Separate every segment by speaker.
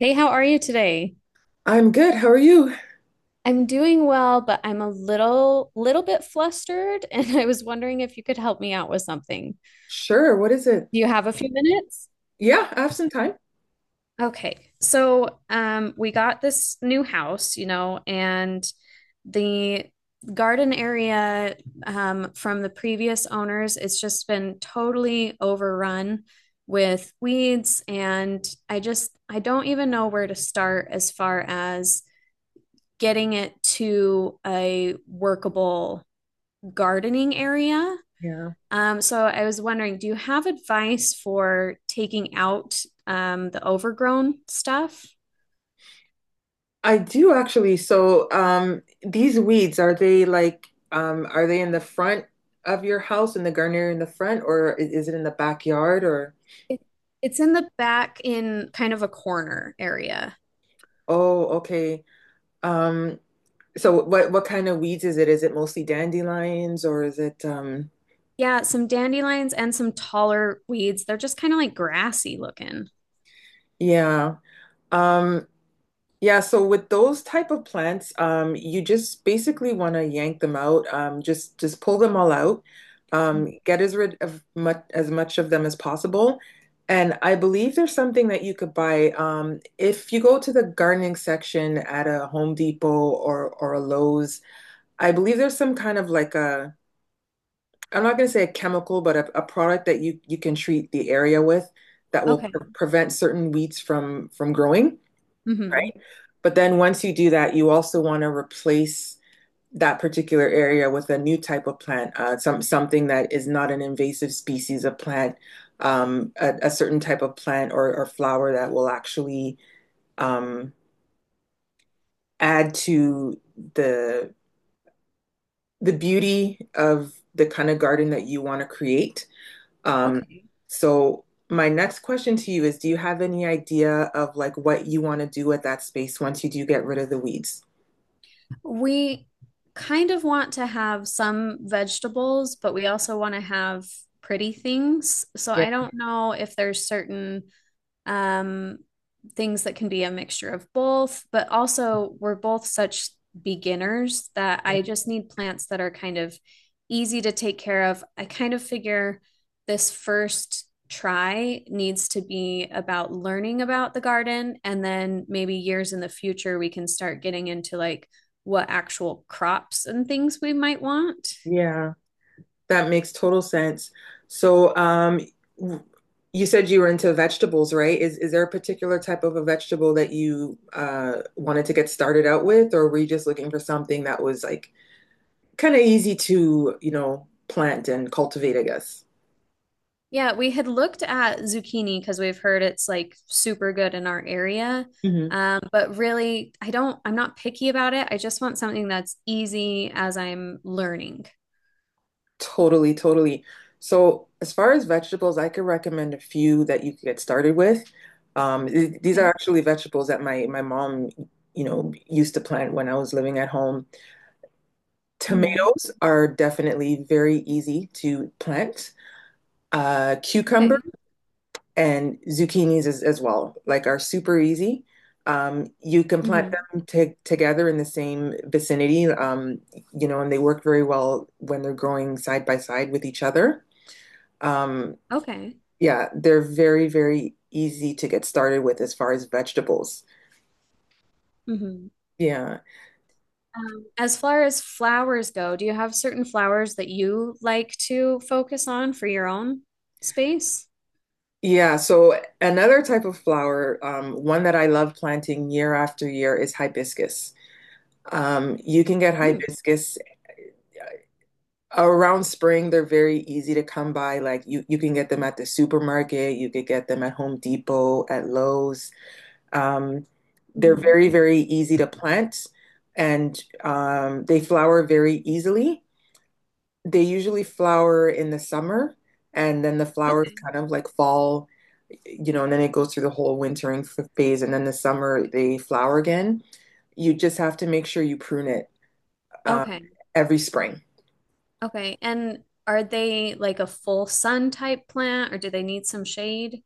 Speaker 1: Hey, how are you today?
Speaker 2: I'm good. How are you?
Speaker 1: I'm doing well, but I'm a little bit flustered, and I was wondering if you could help me out with something.
Speaker 2: Sure. What is it?
Speaker 1: Do you have a few minutes?
Speaker 2: Yeah, I have some time.
Speaker 1: Okay. We got this new house, you know, and the garden area from the previous owners, it's just been totally overrun with weeds, and I don't even know where to start as far as getting it to a workable gardening area.
Speaker 2: Yeah.
Speaker 1: So I was wondering, do you have advice for taking out the overgrown stuff?
Speaker 2: I do actually. So, these weeds, are they are they in the front of your house in the gardener in the front, or is it in the backyard or
Speaker 1: It, it's in the back in kind of a corner area.
Speaker 2: oh, okay. Um, so what kind of weeds is it? Is it mostly dandelions or is it
Speaker 1: Yeah, some dandelions and some taller weeds. They're just kind of like grassy looking.
Speaker 2: yeah. Um, Yeah, so with those type of plants, you just basically want to yank them out. Just pull them all out. Get as rid of much as much of them as possible. And I believe there's something that you could buy. If you go to the gardening section at a Home Depot or a Lowe's, I believe there's some kind of like a I'm not going to say a chemical, but a product that you can treat the area with that will
Speaker 1: Okay.
Speaker 2: prevent certain weeds from growing.
Speaker 1: hmm
Speaker 2: But then once you do that, you also want to replace that particular area with a new type of plant, something that is not an invasive species of plant, a certain type of plant or flower that will actually um, add to the the beauty of the kind of garden that you want to create. Um,
Speaker 1: Okay.
Speaker 2: so my next question to you is, do you have any idea of like what you want to do with that space once you do get rid of the weeds?
Speaker 1: We kind of want to have some vegetables, but we also want to have pretty things. So I don't know if there's certain um, things that can be a mixture of both, but also we're both such beginners that I just need plants that are kind of easy to take care of. I kind of figure this first try needs to be about learning about the garden, and then maybe years in the future we can start getting into like what actual crops and things we might want.
Speaker 2: Yeah, that makes total sense. So, w- you said you were into vegetables, right? Is there a particular type of a vegetable that you wanted to get started out with, or were you just looking for something that was like kind of easy to, you know, plant and cultivate, I guess?
Speaker 1: Yeah, we had looked at zucchini because we've heard it's like super good in our area. But really, I'm not picky about it. I just want something that's easy as I'm learning.
Speaker 2: Totally, totally. So, as far as vegetables, I could recommend a few that you could get started with. These are
Speaker 1: Okay.
Speaker 2: actually vegetables that my mom, you know, used to plant when I was living at home.
Speaker 1: hmm
Speaker 2: Tomatoes are definitely very easy to plant. Cucumber
Speaker 1: Okay.
Speaker 2: and zucchinis as well, like are super easy. You can plant
Speaker 1: hmm
Speaker 2: them together in the same vicinity, you know, and they work very well when they're growing side by side with each other. Um,
Speaker 1: Okay.
Speaker 2: Yeah, they're very easy to get started with as far as vegetables.
Speaker 1: hmm
Speaker 2: Yeah.
Speaker 1: As far as flowers go, do you have certain flowers that you like to focus on for your own space?
Speaker 2: Yeah, so another type of flower, one that I love planting year after year is hibiscus. You can get hibiscus around spring. They're very easy to come by. Like you can get them at the supermarket, you could get them at Home Depot, at Lowe's. Um, they're
Speaker 1: Mm-hmm.
Speaker 2: very easy to plant and they flower very easily. They usually flower in the summer, and then the flowers
Speaker 1: Okay.
Speaker 2: kind of like fall, you know, and then it goes through the whole wintering phase, and then the summer they flower again. You just have to make sure you prune it um,
Speaker 1: Okay.
Speaker 2: every spring.
Speaker 1: Okay. And are they like a full sun type plant, or do they need some shade?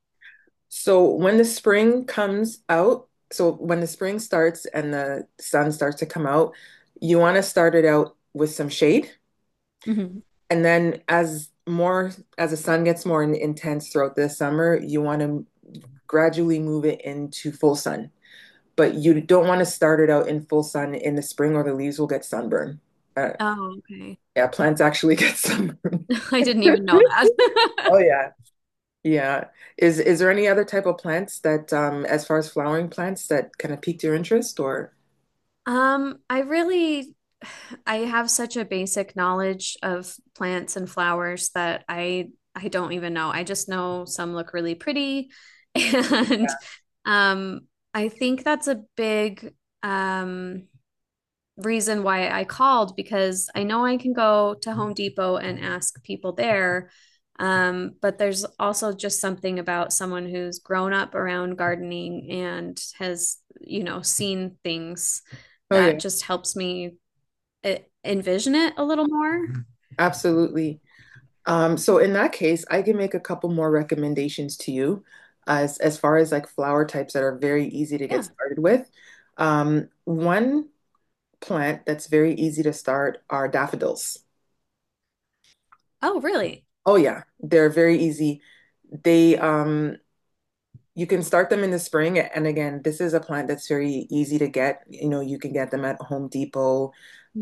Speaker 2: So when the spring comes out, so when the spring starts and the sun starts to come out, you want to start it out with some shade.
Speaker 1: Hmm.
Speaker 2: And then as the sun gets more intense throughout the summer, you want to gradually move it into full sun. But you don't want to start it out in full sun in the spring or the leaves will get sunburn. Uh,
Speaker 1: Oh, okay.
Speaker 2: yeah, plants actually get sunburn.
Speaker 1: I didn't even know that.
Speaker 2: Oh yeah. Yeah. Is there any other type of plants that, as far as flowering plants, that kind of piqued your interest or?
Speaker 1: I really I have such a basic knowledge of plants and flowers that I don't even know. I just know some look really pretty and um I think that's a big um reason why I called, because I know I can go to Home Depot and ask people there. But there's also just something about someone who's grown up around gardening and has, you know, seen things
Speaker 2: Oh
Speaker 1: that
Speaker 2: yeah,
Speaker 1: just helps me eh, envision it a little more.
Speaker 2: absolutely. So in that case, I can make a couple more recommendations to you as far as like flower types that are very easy to get
Speaker 1: Yeah.
Speaker 2: started with. One plant that's very easy to start are daffodils.
Speaker 1: Oh, really?
Speaker 2: Oh yeah, they're very easy. They you can start them in the spring and again, this is a plant that's very easy to get. You know, you can get them at Home Depot,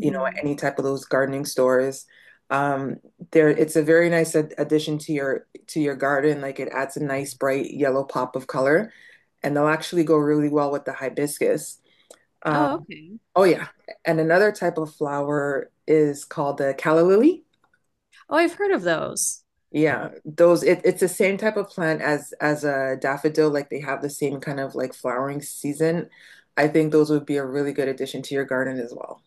Speaker 2: you know, any type of those gardening stores. Um there it's a very nice ad addition to your garden. Like it adds a nice bright yellow pop of color, and they'll actually go really well with the hibiscus. Uh,
Speaker 1: Oh, okay.
Speaker 2: oh yeah. And another type of flower is called the calla lily.
Speaker 1: Oh, I've heard of those.
Speaker 2: Yeah, those it's the same type of plant as a daffodil, like they have the same kind of like flowering season. I think those would be a really good addition to your garden as well.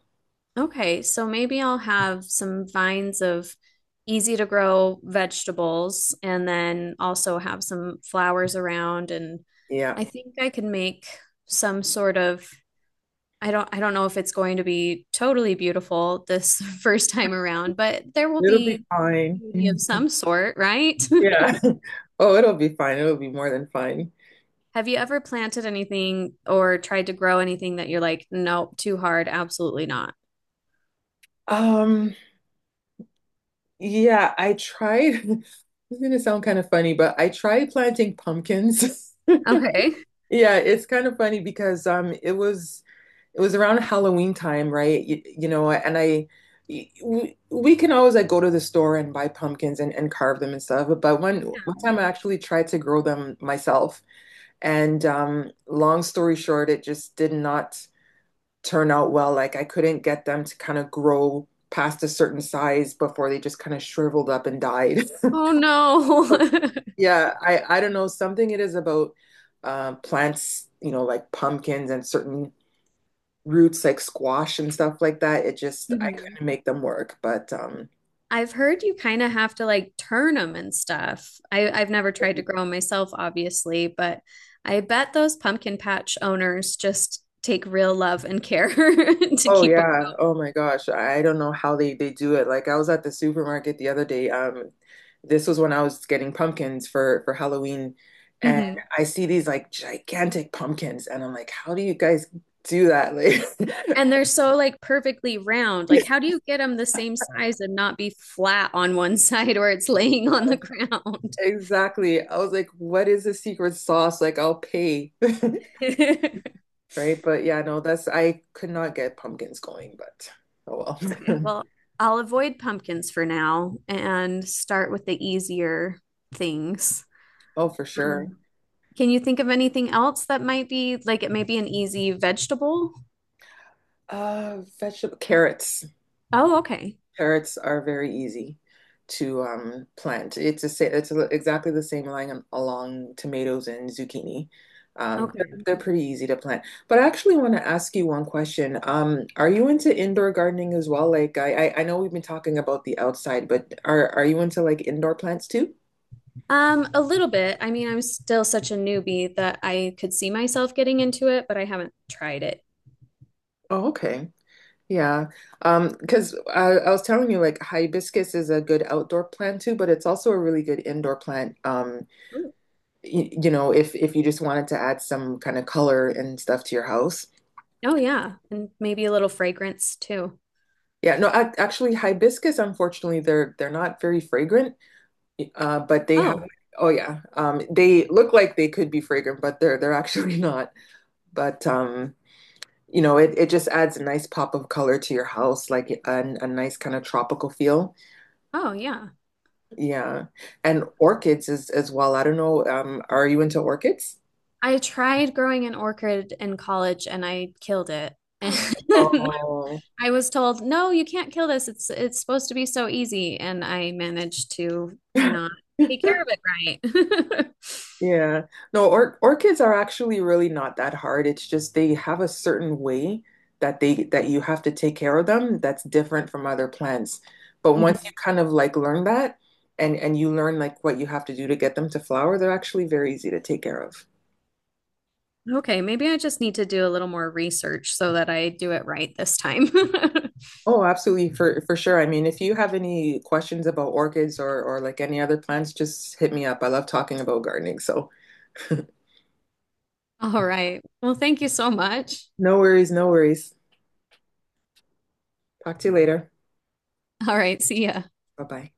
Speaker 1: Okay, so maybe I'll have some vines of easy to grow vegetables and then also have some flowers around, and
Speaker 2: Yeah.
Speaker 1: I think I can make some sort of I don't know if it's going to be totally beautiful this first time around, but there will
Speaker 2: It'll be
Speaker 1: be
Speaker 2: fine.
Speaker 1: beauty of some sort, right?
Speaker 2: Yeah. Oh, it'll be fine. It'll be more than fine.
Speaker 1: Have you ever planted anything or tried to grow anything that you're like, nope, too hard, absolutely not?
Speaker 2: Um, yeah, I tried. It's gonna sound kind of funny, but I tried planting pumpkins.
Speaker 1: Okay.
Speaker 2: Yeah, it's kind of funny because it was around Halloween time, right? You know, and we can always like go to the store and buy pumpkins and carve them and stuff, but
Speaker 1: Yeah.
Speaker 2: one time I actually tried to grow them myself and long story short, it just did not turn out well. Like I couldn't get them to kind of grow past a certain size before they just kind of shriveled up and died.
Speaker 1: Oh no.
Speaker 2: Yeah, I don't know, something it is about plants, you know, like pumpkins and certain roots like squash and stuff like that. It just I
Speaker 1: Mhm.
Speaker 2: couldn't make them work. But
Speaker 1: I've heard you kind of have to like turn them and stuff. I've never tried to grow them myself, obviously, but I bet those pumpkin patch owners just take real love and care to
Speaker 2: oh
Speaker 1: keep them.
Speaker 2: yeah. Oh my gosh. I don't know how they do it. Like I was at the supermarket the other day. This was when I was getting pumpkins for Halloween and
Speaker 1: Hmm.
Speaker 2: I see these like gigantic pumpkins and I'm like, how do you guys do that? Like
Speaker 1: And they're so like perfectly round. Like, how do you get them the same size and not be flat on one side where it's laying on the ground?
Speaker 2: Exactly. I was like, what is the secret sauce? Like, I'll pay. Right. But yeah, no, that's, I could not get pumpkins going, but oh
Speaker 1: Okay,
Speaker 2: well.
Speaker 1: well, I'll avoid pumpkins for now and start with the easier things.
Speaker 2: Oh, for sure.
Speaker 1: Um, can you think of anything else that might be like it may be an easy vegetable?
Speaker 2: Vegetable carrots.
Speaker 1: Oh, okay.
Speaker 2: Carrots are very easy to plant. It's it's exactly the same line along tomatoes and zucchini.
Speaker 1: Okay.
Speaker 2: They're pretty easy to plant. But I actually want to ask you one question. Are you into indoor gardening as well? Like I know we've been talking about the outside, but are you into like indoor plants too?
Speaker 1: A little bit. I mean, I'm still such a newbie that I could see myself getting into it, but I haven't tried it.
Speaker 2: Oh, okay. Yeah. Because I was telling you like hibiscus is a good outdoor plant too, but it's also a really good indoor plant.
Speaker 1: Ooh.
Speaker 2: You know, if you just wanted to add some kind of color and stuff to your house.
Speaker 1: Oh, yeah. And maybe a little fragrance too.
Speaker 2: Yeah, no, ac actually hibiscus, unfortunately, they're not very fragrant. But they have
Speaker 1: Oh,
Speaker 2: oh yeah. They look like they could be fragrant, but they're actually not. But you know, it just adds a nice pop of color to your house, like a nice kind of tropical feel.
Speaker 1: oh, yeah.
Speaker 2: Yeah. And orchids is as well. I don't know. Are you into orchids?
Speaker 1: I tried growing an orchid in college and I killed it.
Speaker 2: Oh.
Speaker 1: I was told, "No, you can't kill this. It's supposed to be so easy." And I managed to not take care of it right.
Speaker 2: Yeah. No, or orchids are actually really not that hard. It's just they have a certain way that they that you have to take care of them that's different from other plants. But once you
Speaker 1: Mhm.
Speaker 2: kind of like learn that and you learn like what you have to do to get them to flower, they're actually very easy to take care of.
Speaker 1: Okay, maybe I just need to do a little more research so that I do it right this time.
Speaker 2: Oh, absolutely, for sure. I mean, if you have any questions about orchids or like any other plants, just hit me up. I love talking about gardening. So,
Speaker 1: All right. Well, thank you so much.
Speaker 2: no worries, no worries. Talk to you later.
Speaker 1: All right, see ya.
Speaker 2: Bye-bye.